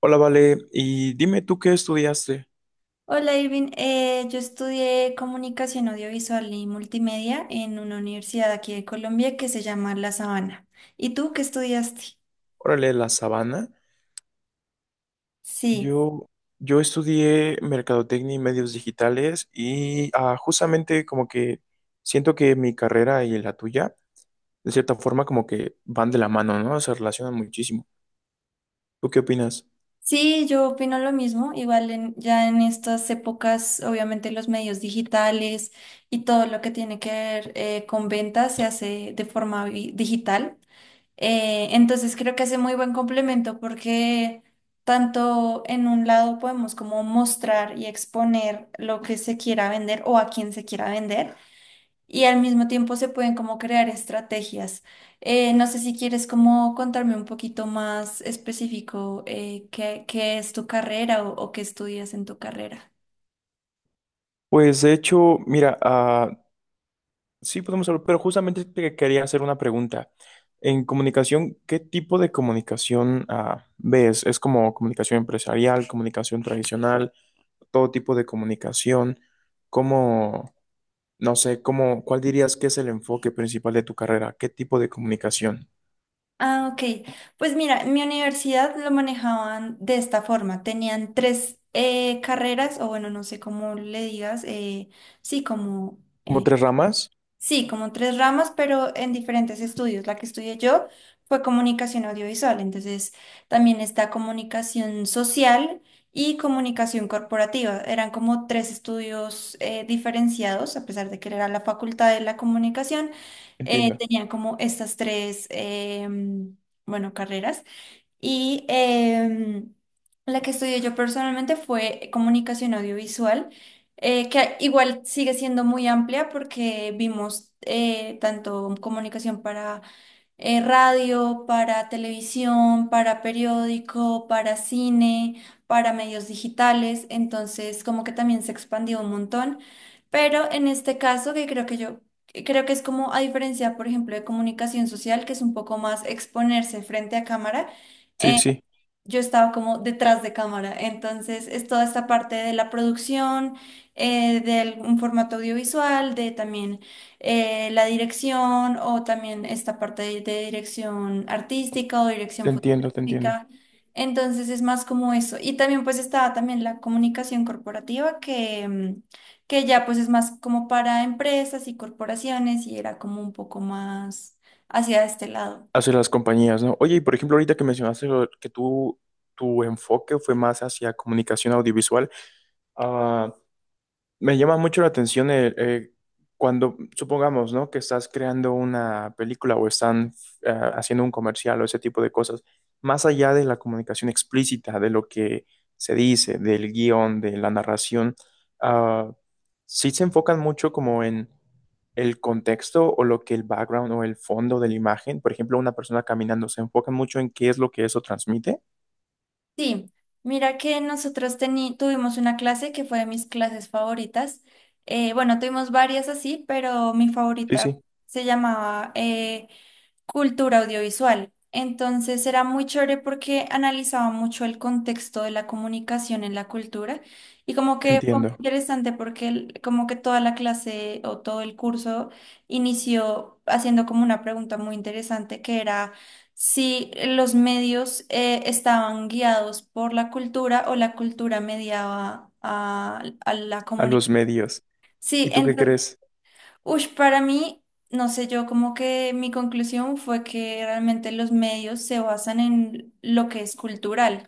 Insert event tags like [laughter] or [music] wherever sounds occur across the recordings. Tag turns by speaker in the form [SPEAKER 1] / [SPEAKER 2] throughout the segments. [SPEAKER 1] Hola, Vale, y dime tú qué estudiaste.
[SPEAKER 2] Hola Irving, yo estudié comunicación audiovisual y multimedia en una universidad aquí de Colombia que se llama La Sabana. ¿Y tú qué estudiaste?
[SPEAKER 1] Órale, la sabana.
[SPEAKER 2] Sí,
[SPEAKER 1] Yo, yo estudié mercadotecnia y medios digitales y justamente como que siento que mi carrera y la tuya, de cierta forma, como que van de la mano, ¿no? Se relacionan muchísimo. ¿Tú qué opinas?
[SPEAKER 2] sí, yo opino lo mismo. Igual ya en estas épocas, obviamente los medios digitales y todo lo que tiene que ver con ventas se hace de forma digital. Entonces creo que hace muy buen complemento porque tanto en un lado podemos como mostrar y exponer lo que se quiera vender o a quien se quiera vender, y al mismo tiempo se pueden como crear estrategias. No sé si quieres como contarme un poquito más específico qué es tu carrera o qué estudias en tu carrera.
[SPEAKER 1] Pues de hecho, mira, ah, sí podemos hablar, pero justamente te quería hacer una pregunta. En comunicación, ¿qué tipo de comunicación ves? ¿Es como comunicación empresarial, comunicación tradicional? Todo tipo de comunicación. ¿Cómo, no sé, cómo, cuál dirías que es el enfoque principal de tu carrera? ¿Qué tipo de comunicación?
[SPEAKER 2] Ah, ok. Pues mira, en mi universidad lo manejaban de esta forma. Tenían tres carreras, o bueno, no sé cómo le digas, sí, como…
[SPEAKER 1] ¿Como tres ramas?
[SPEAKER 2] Sí, como tres ramas, pero en diferentes estudios. La que estudié yo fue comunicación audiovisual, entonces también está comunicación social y comunicación corporativa. Eran como tres estudios diferenciados, a pesar de que era la facultad de la comunicación,
[SPEAKER 1] Entiendo.
[SPEAKER 2] tenían como estas tres, bueno, carreras. Y la que estudié yo personalmente fue comunicación audiovisual, que igual sigue siendo muy amplia porque vimos tanto comunicación para radio, para televisión, para periódico, para cine, para medios digitales. Entonces como que también se expandió un montón, pero en este caso que creo que es como a diferencia, por ejemplo, de comunicación social, que es un poco más exponerse frente a cámara.
[SPEAKER 1] Sí, sí,
[SPEAKER 2] Yo estaba como detrás de cámara. Entonces, es toda esta parte de la producción, de un formato audiovisual, de también la dirección, o también esta parte de dirección artística o
[SPEAKER 1] te
[SPEAKER 2] dirección
[SPEAKER 1] entiendo, te entiendo.
[SPEAKER 2] fotográfica. Entonces, es más como eso. Y también pues estaba también la comunicación corporativa que… que ya pues es más como para empresas y corporaciones, y era como un poco más hacia este lado.
[SPEAKER 1] Hacia las compañías, ¿no? Oye, y por ejemplo, ahorita que mencionaste que tú, tu enfoque fue más hacia comunicación audiovisual. Ah, Me llama mucho la atención el, cuando, supongamos, ¿no? Que estás creando una película o están haciendo un comercial o ese tipo de cosas, más allá de la comunicación explícita, de lo que se dice, del guión, de la narración, ah, sí se enfocan mucho como en el contexto o lo que el background o el fondo de la imagen, por ejemplo, una persona caminando, se enfocan mucho en qué es lo que eso transmite.
[SPEAKER 2] Sí, mira que nosotros tuvimos una clase que fue de mis clases favoritas. Bueno, tuvimos varias así, pero mi
[SPEAKER 1] Sí,
[SPEAKER 2] favorita
[SPEAKER 1] sí,
[SPEAKER 2] se llamaba cultura audiovisual. Entonces era muy chévere porque analizaba mucho el contexto de la comunicación en la cultura, y como que fue muy
[SPEAKER 1] entiendo.
[SPEAKER 2] interesante porque como que toda la clase o todo el curso inició haciendo como una pregunta muy interesante que era si los medios estaban guiados por la cultura o la cultura mediaba a la
[SPEAKER 1] A
[SPEAKER 2] comunicación.
[SPEAKER 1] los medios.
[SPEAKER 2] Sí,
[SPEAKER 1] ¿Y tú qué
[SPEAKER 2] entonces…
[SPEAKER 1] crees?
[SPEAKER 2] Uy, para mí, no sé, yo como que mi conclusión fue que realmente los medios se basan en lo que es cultural.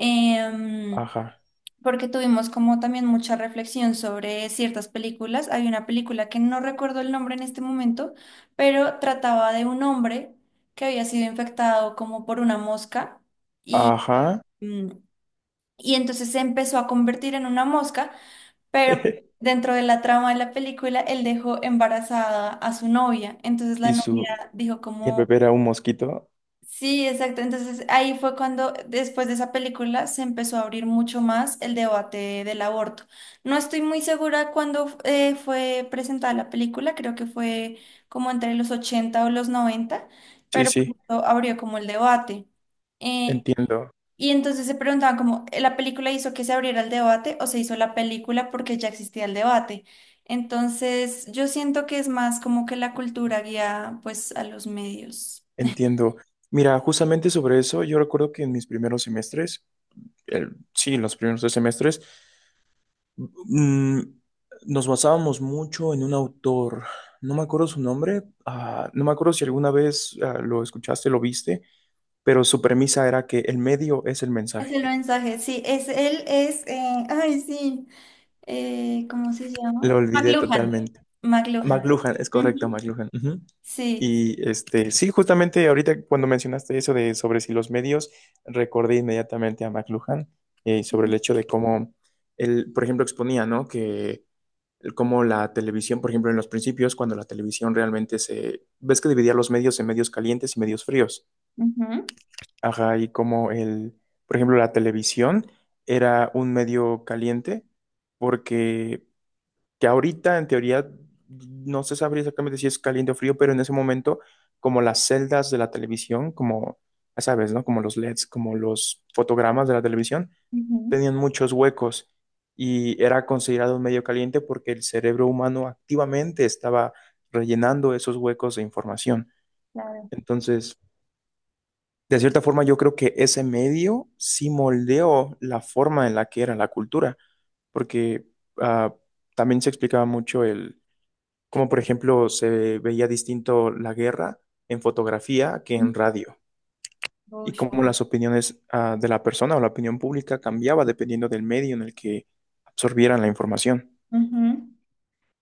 [SPEAKER 2] Em,
[SPEAKER 1] Ajá.
[SPEAKER 2] Porque tuvimos como también mucha reflexión sobre ciertas películas. Hay una película que no recuerdo el nombre en este momento, pero trataba de un hombre que había sido infectado como por una mosca y,
[SPEAKER 1] Ajá.
[SPEAKER 2] mm, y entonces se empezó a convertir en una mosca. Pero
[SPEAKER 1] [laughs]
[SPEAKER 2] dentro de la trama de la película, él dejó embarazada a su novia. Entonces la
[SPEAKER 1] Y
[SPEAKER 2] novia
[SPEAKER 1] su
[SPEAKER 2] dijo
[SPEAKER 1] y el
[SPEAKER 2] como…
[SPEAKER 1] bebé era un mosquito.
[SPEAKER 2] sí, exacto. Entonces ahí fue cuando después de esa película se empezó a abrir mucho más el debate del aborto. No estoy muy segura cuándo fue presentada la película, creo que fue como entre los 80 o los 90,
[SPEAKER 1] Sí,
[SPEAKER 2] pero
[SPEAKER 1] sí,
[SPEAKER 2] pues abrió como el debate. Eh,
[SPEAKER 1] entiendo,
[SPEAKER 2] y entonces se preguntaban como, ¿la película hizo que se abriera el debate, o se hizo la película porque ya existía el debate? Entonces, yo siento que es más como que la cultura guía pues a los medios.
[SPEAKER 1] entiendo. Mira, justamente sobre eso, yo recuerdo que en mis primeros semestres, sí, los primeros tres semestres, mm, nos basábamos mucho en un autor. No me acuerdo su nombre, ah, no me acuerdo si alguna vez lo escuchaste, lo viste, pero su premisa era que el medio es el
[SPEAKER 2] Es el
[SPEAKER 1] mensaje.
[SPEAKER 2] mensaje, sí, es él, ay, sí, ¿cómo se
[SPEAKER 1] Lo
[SPEAKER 2] llama?
[SPEAKER 1] olvidé
[SPEAKER 2] McLuhan.
[SPEAKER 1] totalmente.
[SPEAKER 2] McLuhan.
[SPEAKER 1] McLuhan, es correcto,
[SPEAKER 2] Ujú.
[SPEAKER 1] McLuhan. Ujú.
[SPEAKER 2] Sí.
[SPEAKER 1] Y este, sí, justamente ahorita cuando mencionaste eso de sobre si los medios, recordé inmediatamente a McLuhan sobre el hecho de cómo él, por ejemplo, exponía, ¿no? Que cómo la televisión, por ejemplo, en los principios, cuando la televisión realmente se, ves que dividía los medios en medios calientes y medios fríos.
[SPEAKER 2] Ujú,
[SPEAKER 1] Ajá, y como el, por ejemplo, la televisión era un medio caliente porque que ahorita en teoría no se sabría exactamente si es caliente o frío, pero en ese momento, como las celdas de la televisión, como, ya sabes, ¿no? Como los LEDs, como los fotogramas de la televisión,
[SPEAKER 2] ujú.
[SPEAKER 1] tenían muchos huecos y era considerado un medio caliente porque el cerebro humano activamente estaba rellenando esos huecos de información.
[SPEAKER 2] Claro.
[SPEAKER 1] Entonces, de cierta forma, yo creo que ese medio sí moldeó la forma en la que era la cultura, porque ah, también se explicaba mucho el como por ejemplo se veía distinto la guerra en fotografía que en radio, y
[SPEAKER 2] Ush.
[SPEAKER 1] cómo las opiniones de la persona o la opinión pública cambiaba dependiendo del medio en el que absorbieran la información.
[SPEAKER 2] Ujú.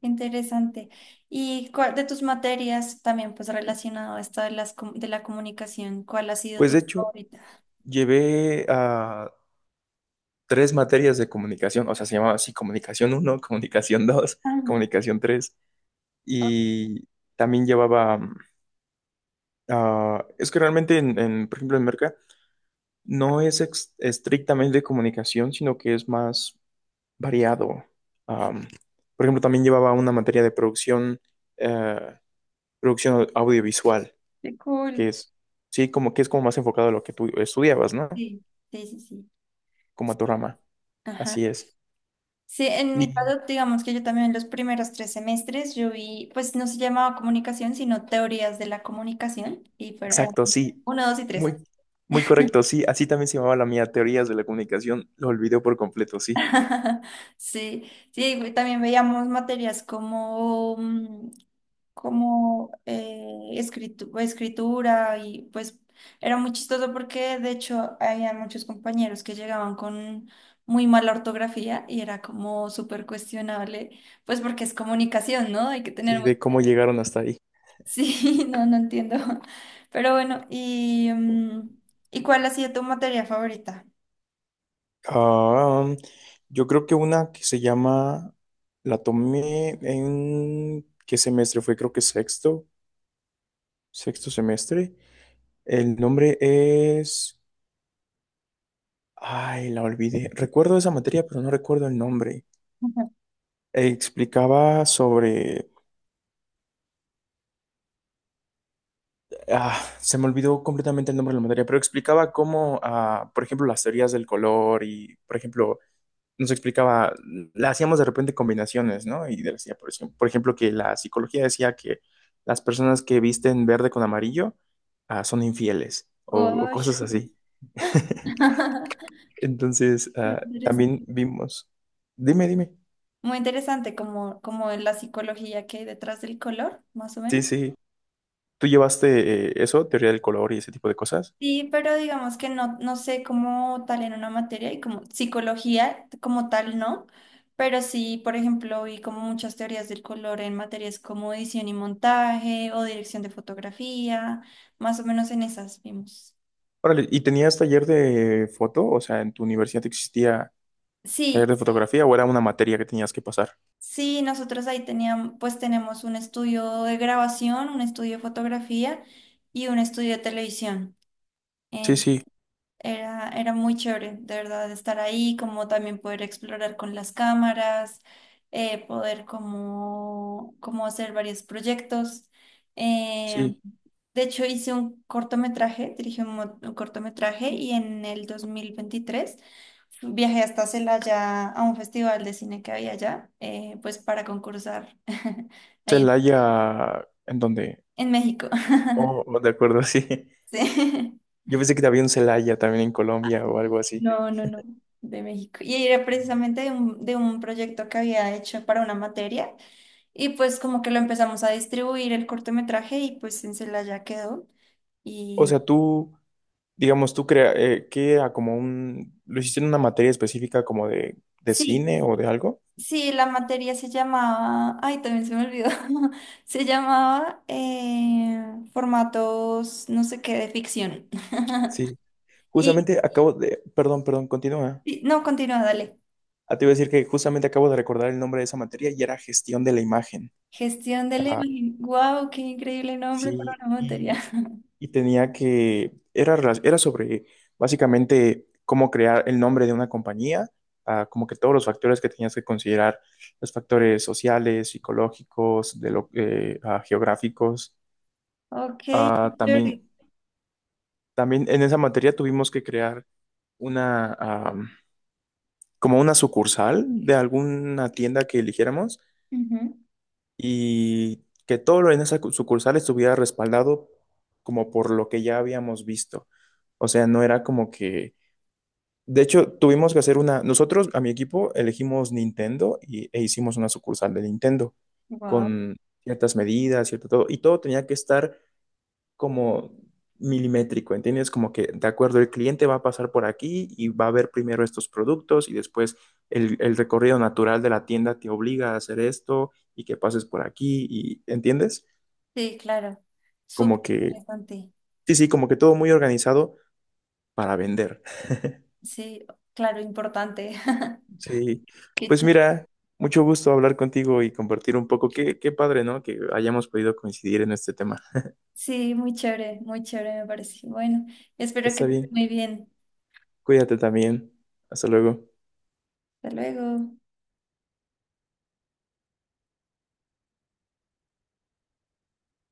[SPEAKER 2] Interesante. De tus materias también, pues relacionado a esto de de la comunicación, ¿cuál ha sido
[SPEAKER 1] Pues
[SPEAKER 2] tu
[SPEAKER 1] de hecho,
[SPEAKER 2] favorita?
[SPEAKER 1] llevé a tres materias de comunicación, o sea, se llamaba así comunicación uno [laughs] comunicación 2
[SPEAKER 2] Ah,
[SPEAKER 1] comunicación 3
[SPEAKER 2] oh,
[SPEAKER 1] y también llevaba, mm, ah, es que realmente, por ejemplo, en Merca, no es estrictamente de comunicación, sino que es más variado. Am, por ejemplo, también llevaba una materia de producción, eh, producción audiovisual,
[SPEAKER 2] qué
[SPEAKER 1] que
[SPEAKER 2] cool.
[SPEAKER 1] es, sí, como que es como más enfocado a lo que tú estudiabas, ¿no?
[SPEAKER 2] Sí, sí.
[SPEAKER 1] Como a tu
[SPEAKER 2] Sí.
[SPEAKER 1] rama.
[SPEAKER 2] Ajá.
[SPEAKER 1] Así es.
[SPEAKER 2] Sí, en mi
[SPEAKER 1] Y
[SPEAKER 2] caso, digamos que yo también los primeros tres semestres yo vi, pues no se llamaba comunicación, sino teorías de la comunicación, y fueron eran
[SPEAKER 1] exacto, sí.
[SPEAKER 2] uno, dos y tres.
[SPEAKER 1] Muy, muy correcto, sí. Así también se llamaba la mía, teorías de la comunicación. Lo olvidé por completo, sí.
[SPEAKER 2] [laughs] Sí, sí, güey, también veíamos materias como, como pues, escritura. Y pues era muy chistoso porque de hecho había muchos compañeros que llegaban con muy mala ortografía, y era como súper cuestionable, pues porque es comunicación, ¿no? Hay que tener
[SPEAKER 1] Sí,
[SPEAKER 2] muy…
[SPEAKER 1] de cómo
[SPEAKER 2] [laughs]
[SPEAKER 1] llegaron hasta ahí.
[SPEAKER 2] Sí, no, no entiendo. [laughs] Pero bueno, ¿y, y cuál ha sido tu materia favorita?
[SPEAKER 1] Ah, yo creo que una que se llama, la tomé en, ¿qué semestre fue? Creo que sexto semestre. El nombre es... Ay, la olvidé. Recuerdo esa materia, pero no recuerdo el nombre.
[SPEAKER 2] [laughs]
[SPEAKER 1] Explicaba sobre... Ah, se me olvidó completamente el nombre de la materia, pero explicaba cómo, ah, por ejemplo, las teorías del color y, por ejemplo, nos explicaba, la hacíamos de repente combinaciones, ¿no? Y decía, por ejemplo, que la psicología decía que las personas que visten verde con amarillo, ah, son infieles o cosas
[SPEAKER 2] Uy.
[SPEAKER 1] así. [laughs]
[SPEAKER 2] [laughs]
[SPEAKER 1] Entonces,
[SPEAKER 2] Muy
[SPEAKER 1] ah, también
[SPEAKER 2] interesante.
[SPEAKER 1] vimos. Dime, dime.
[SPEAKER 2] Muy interesante, como como en la psicología que hay detrás del color, más o
[SPEAKER 1] Sí,
[SPEAKER 2] menos.
[SPEAKER 1] sí. ¿Tú llevaste eso, teoría del color y ese tipo de cosas?
[SPEAKER 2] Sí, pero digamos que no, no sé cómo tal en una materia, y como psicología como tal no, pero sí, por ejemplo, vi como muchas teorías del color en materias como edición y montaje o dirección de fotografía, más o menos en esas vimos.
[SPEAKER 1] Órale, ¿y tenías taller de foto? O sea, ¿en tu universidad existía taller de
[SPEAKER 2] Sí,
[SPEAKER 1] fotografía o era una materia que tenías que pasar?
[SPEAKER 2] sí, nosotros ahí teníamos, pues tenemos un estudio de grabación, un estudio de fotografía y un estudio de televisión.
[SPEAKER 1] Sí, sí,
[SPEAKER 2] Era, era muy chévere, de verdad, estar ahí, como también poder explorar con las cámaras, poder como, como hacer varios proyectos. Eh,
[SPEAKER 1] sí.
[SPEAKER 2] de hecho, hice un cortometraje, dirigí un, un cortometraje, y en el 2023 viajé hasta Celaya a un festival de cine que había allá, pues para concursar [laughs] ahí en,
[SPEAKER 1] Celaya, ¿en dónde?
[SPEAKER 2] en México. [laughs]
[SPEAKER 1] Oh, oh, de acuerdo, [laughs] sí.
[SPEAKER 2] Sí.
[SPEAKER 1] Yo pensé que había un Celaya también en Colombia o algo así.
[SPEAKER 2] No, no, no, de México. Y era precisamente de un proyecto que había hecho para una materia, y pues como que lo empezamos a distribuir el cortometraje, y pues en… ya quedó.
[SPEAKER 1] O
[SPEAKER 2] Y
[SPEAKER 1] sea, tú, digamos, ¿qué era como un, lo hiciste en una materia específica como de
[SPEAKER 2] sí,
[SPEAKER 1] cine o de algo?
[SPEAKER 2] sí, la materia se llamaba, ay, también se me olvidó, [laughs] se llamaba formatos, no sé qué, de ficción. [laughs]
[SPEAKER 1] Sí.
[SPEAKER 2] Y
[SPEAKER 1] Justamente acabo de, perdón, perdón, continúa.
[SPEAKER 2] no, continúa, dale.
[SPEAKER 1] Ah, te iba a decir que justamente acabo de recordar el nombre de esa materia y era gestión de la imagen.
[SPEAKER 2] Gestión de la
[SPEAKER 1] Ah,
[SPEAKER 2] imagen. Wow, qué increíble nombre para
[SPEAKER 1] sí,
[SPEAKER 2] una materia. [laughs]
[SPEAKER 1] y tenía que, era, era sobre básicamente cómo crear el nombre de una compañía, ah, como que todos los factores que tenías que considerar, los factores sociales, psicológicos, de lo, ah, geográficos.
[SPEAKER 2] Ok, qué
[SPEAKER 1] Ah,
[SPEAKER 2] chévere.
[SPEAKER 1] también, también en esa materia tuvimos que crear una, ah, como una sucursal de alguna tienda que eligiéramos. Y que todo lo en esa sucursal estuviera respaldado como por lo que ya habíamos visto. O sea, no era como que... De hecho, tuvimos que hacer una... Nosotros, a mi equipo, elegimos Nintendo y, e hicimos una sucursal de Nintendo
[SPEAKER 2] Wow.
[SPEAKER 1] con ciertas medidas, cierto todo. Y todo tenía que estar como milimétrico, ¿entiendes? Como que, de acuerdo, el cliente va a pasar por aquí y va a ver primero estos productos y después el recorrido natural de la tienda te obliga a hacer esto y que pases por aquí y, ¿entiendes?
[SPEAKER 2] Sí, claro. Súper
[SPEAKER 1] Como que,
[SPEAKER 2] interesante.
[SPEAKER 1] sí, sí, como que todo muy organizado para vender.
[SPEAKER 2] Sí, claro, importante. [laughs]
[SPEAKER 1] Sí,
[SPEAKER 2] Qué
[SPEAKER 1] pues
[SPEAKER 2] chi-
[SPEAKER 1] mira, mucho gusto hablar contigo y compartir un poco. Qué, qué padre, ¿no? Que hayamos podido coincidir en este tema.
[SPEAKER 2] Sí, muy chévere me parece. Bueno, espero que
[SPEAKER 1] Está
[SPEAKER 2] estés
[SPEAKER 1] bien,
[SPEAKER 2] muy bien.
[SPEAKER 1] cuídate también. Hasta luego.
[SPEAKER 2] Hasta luego.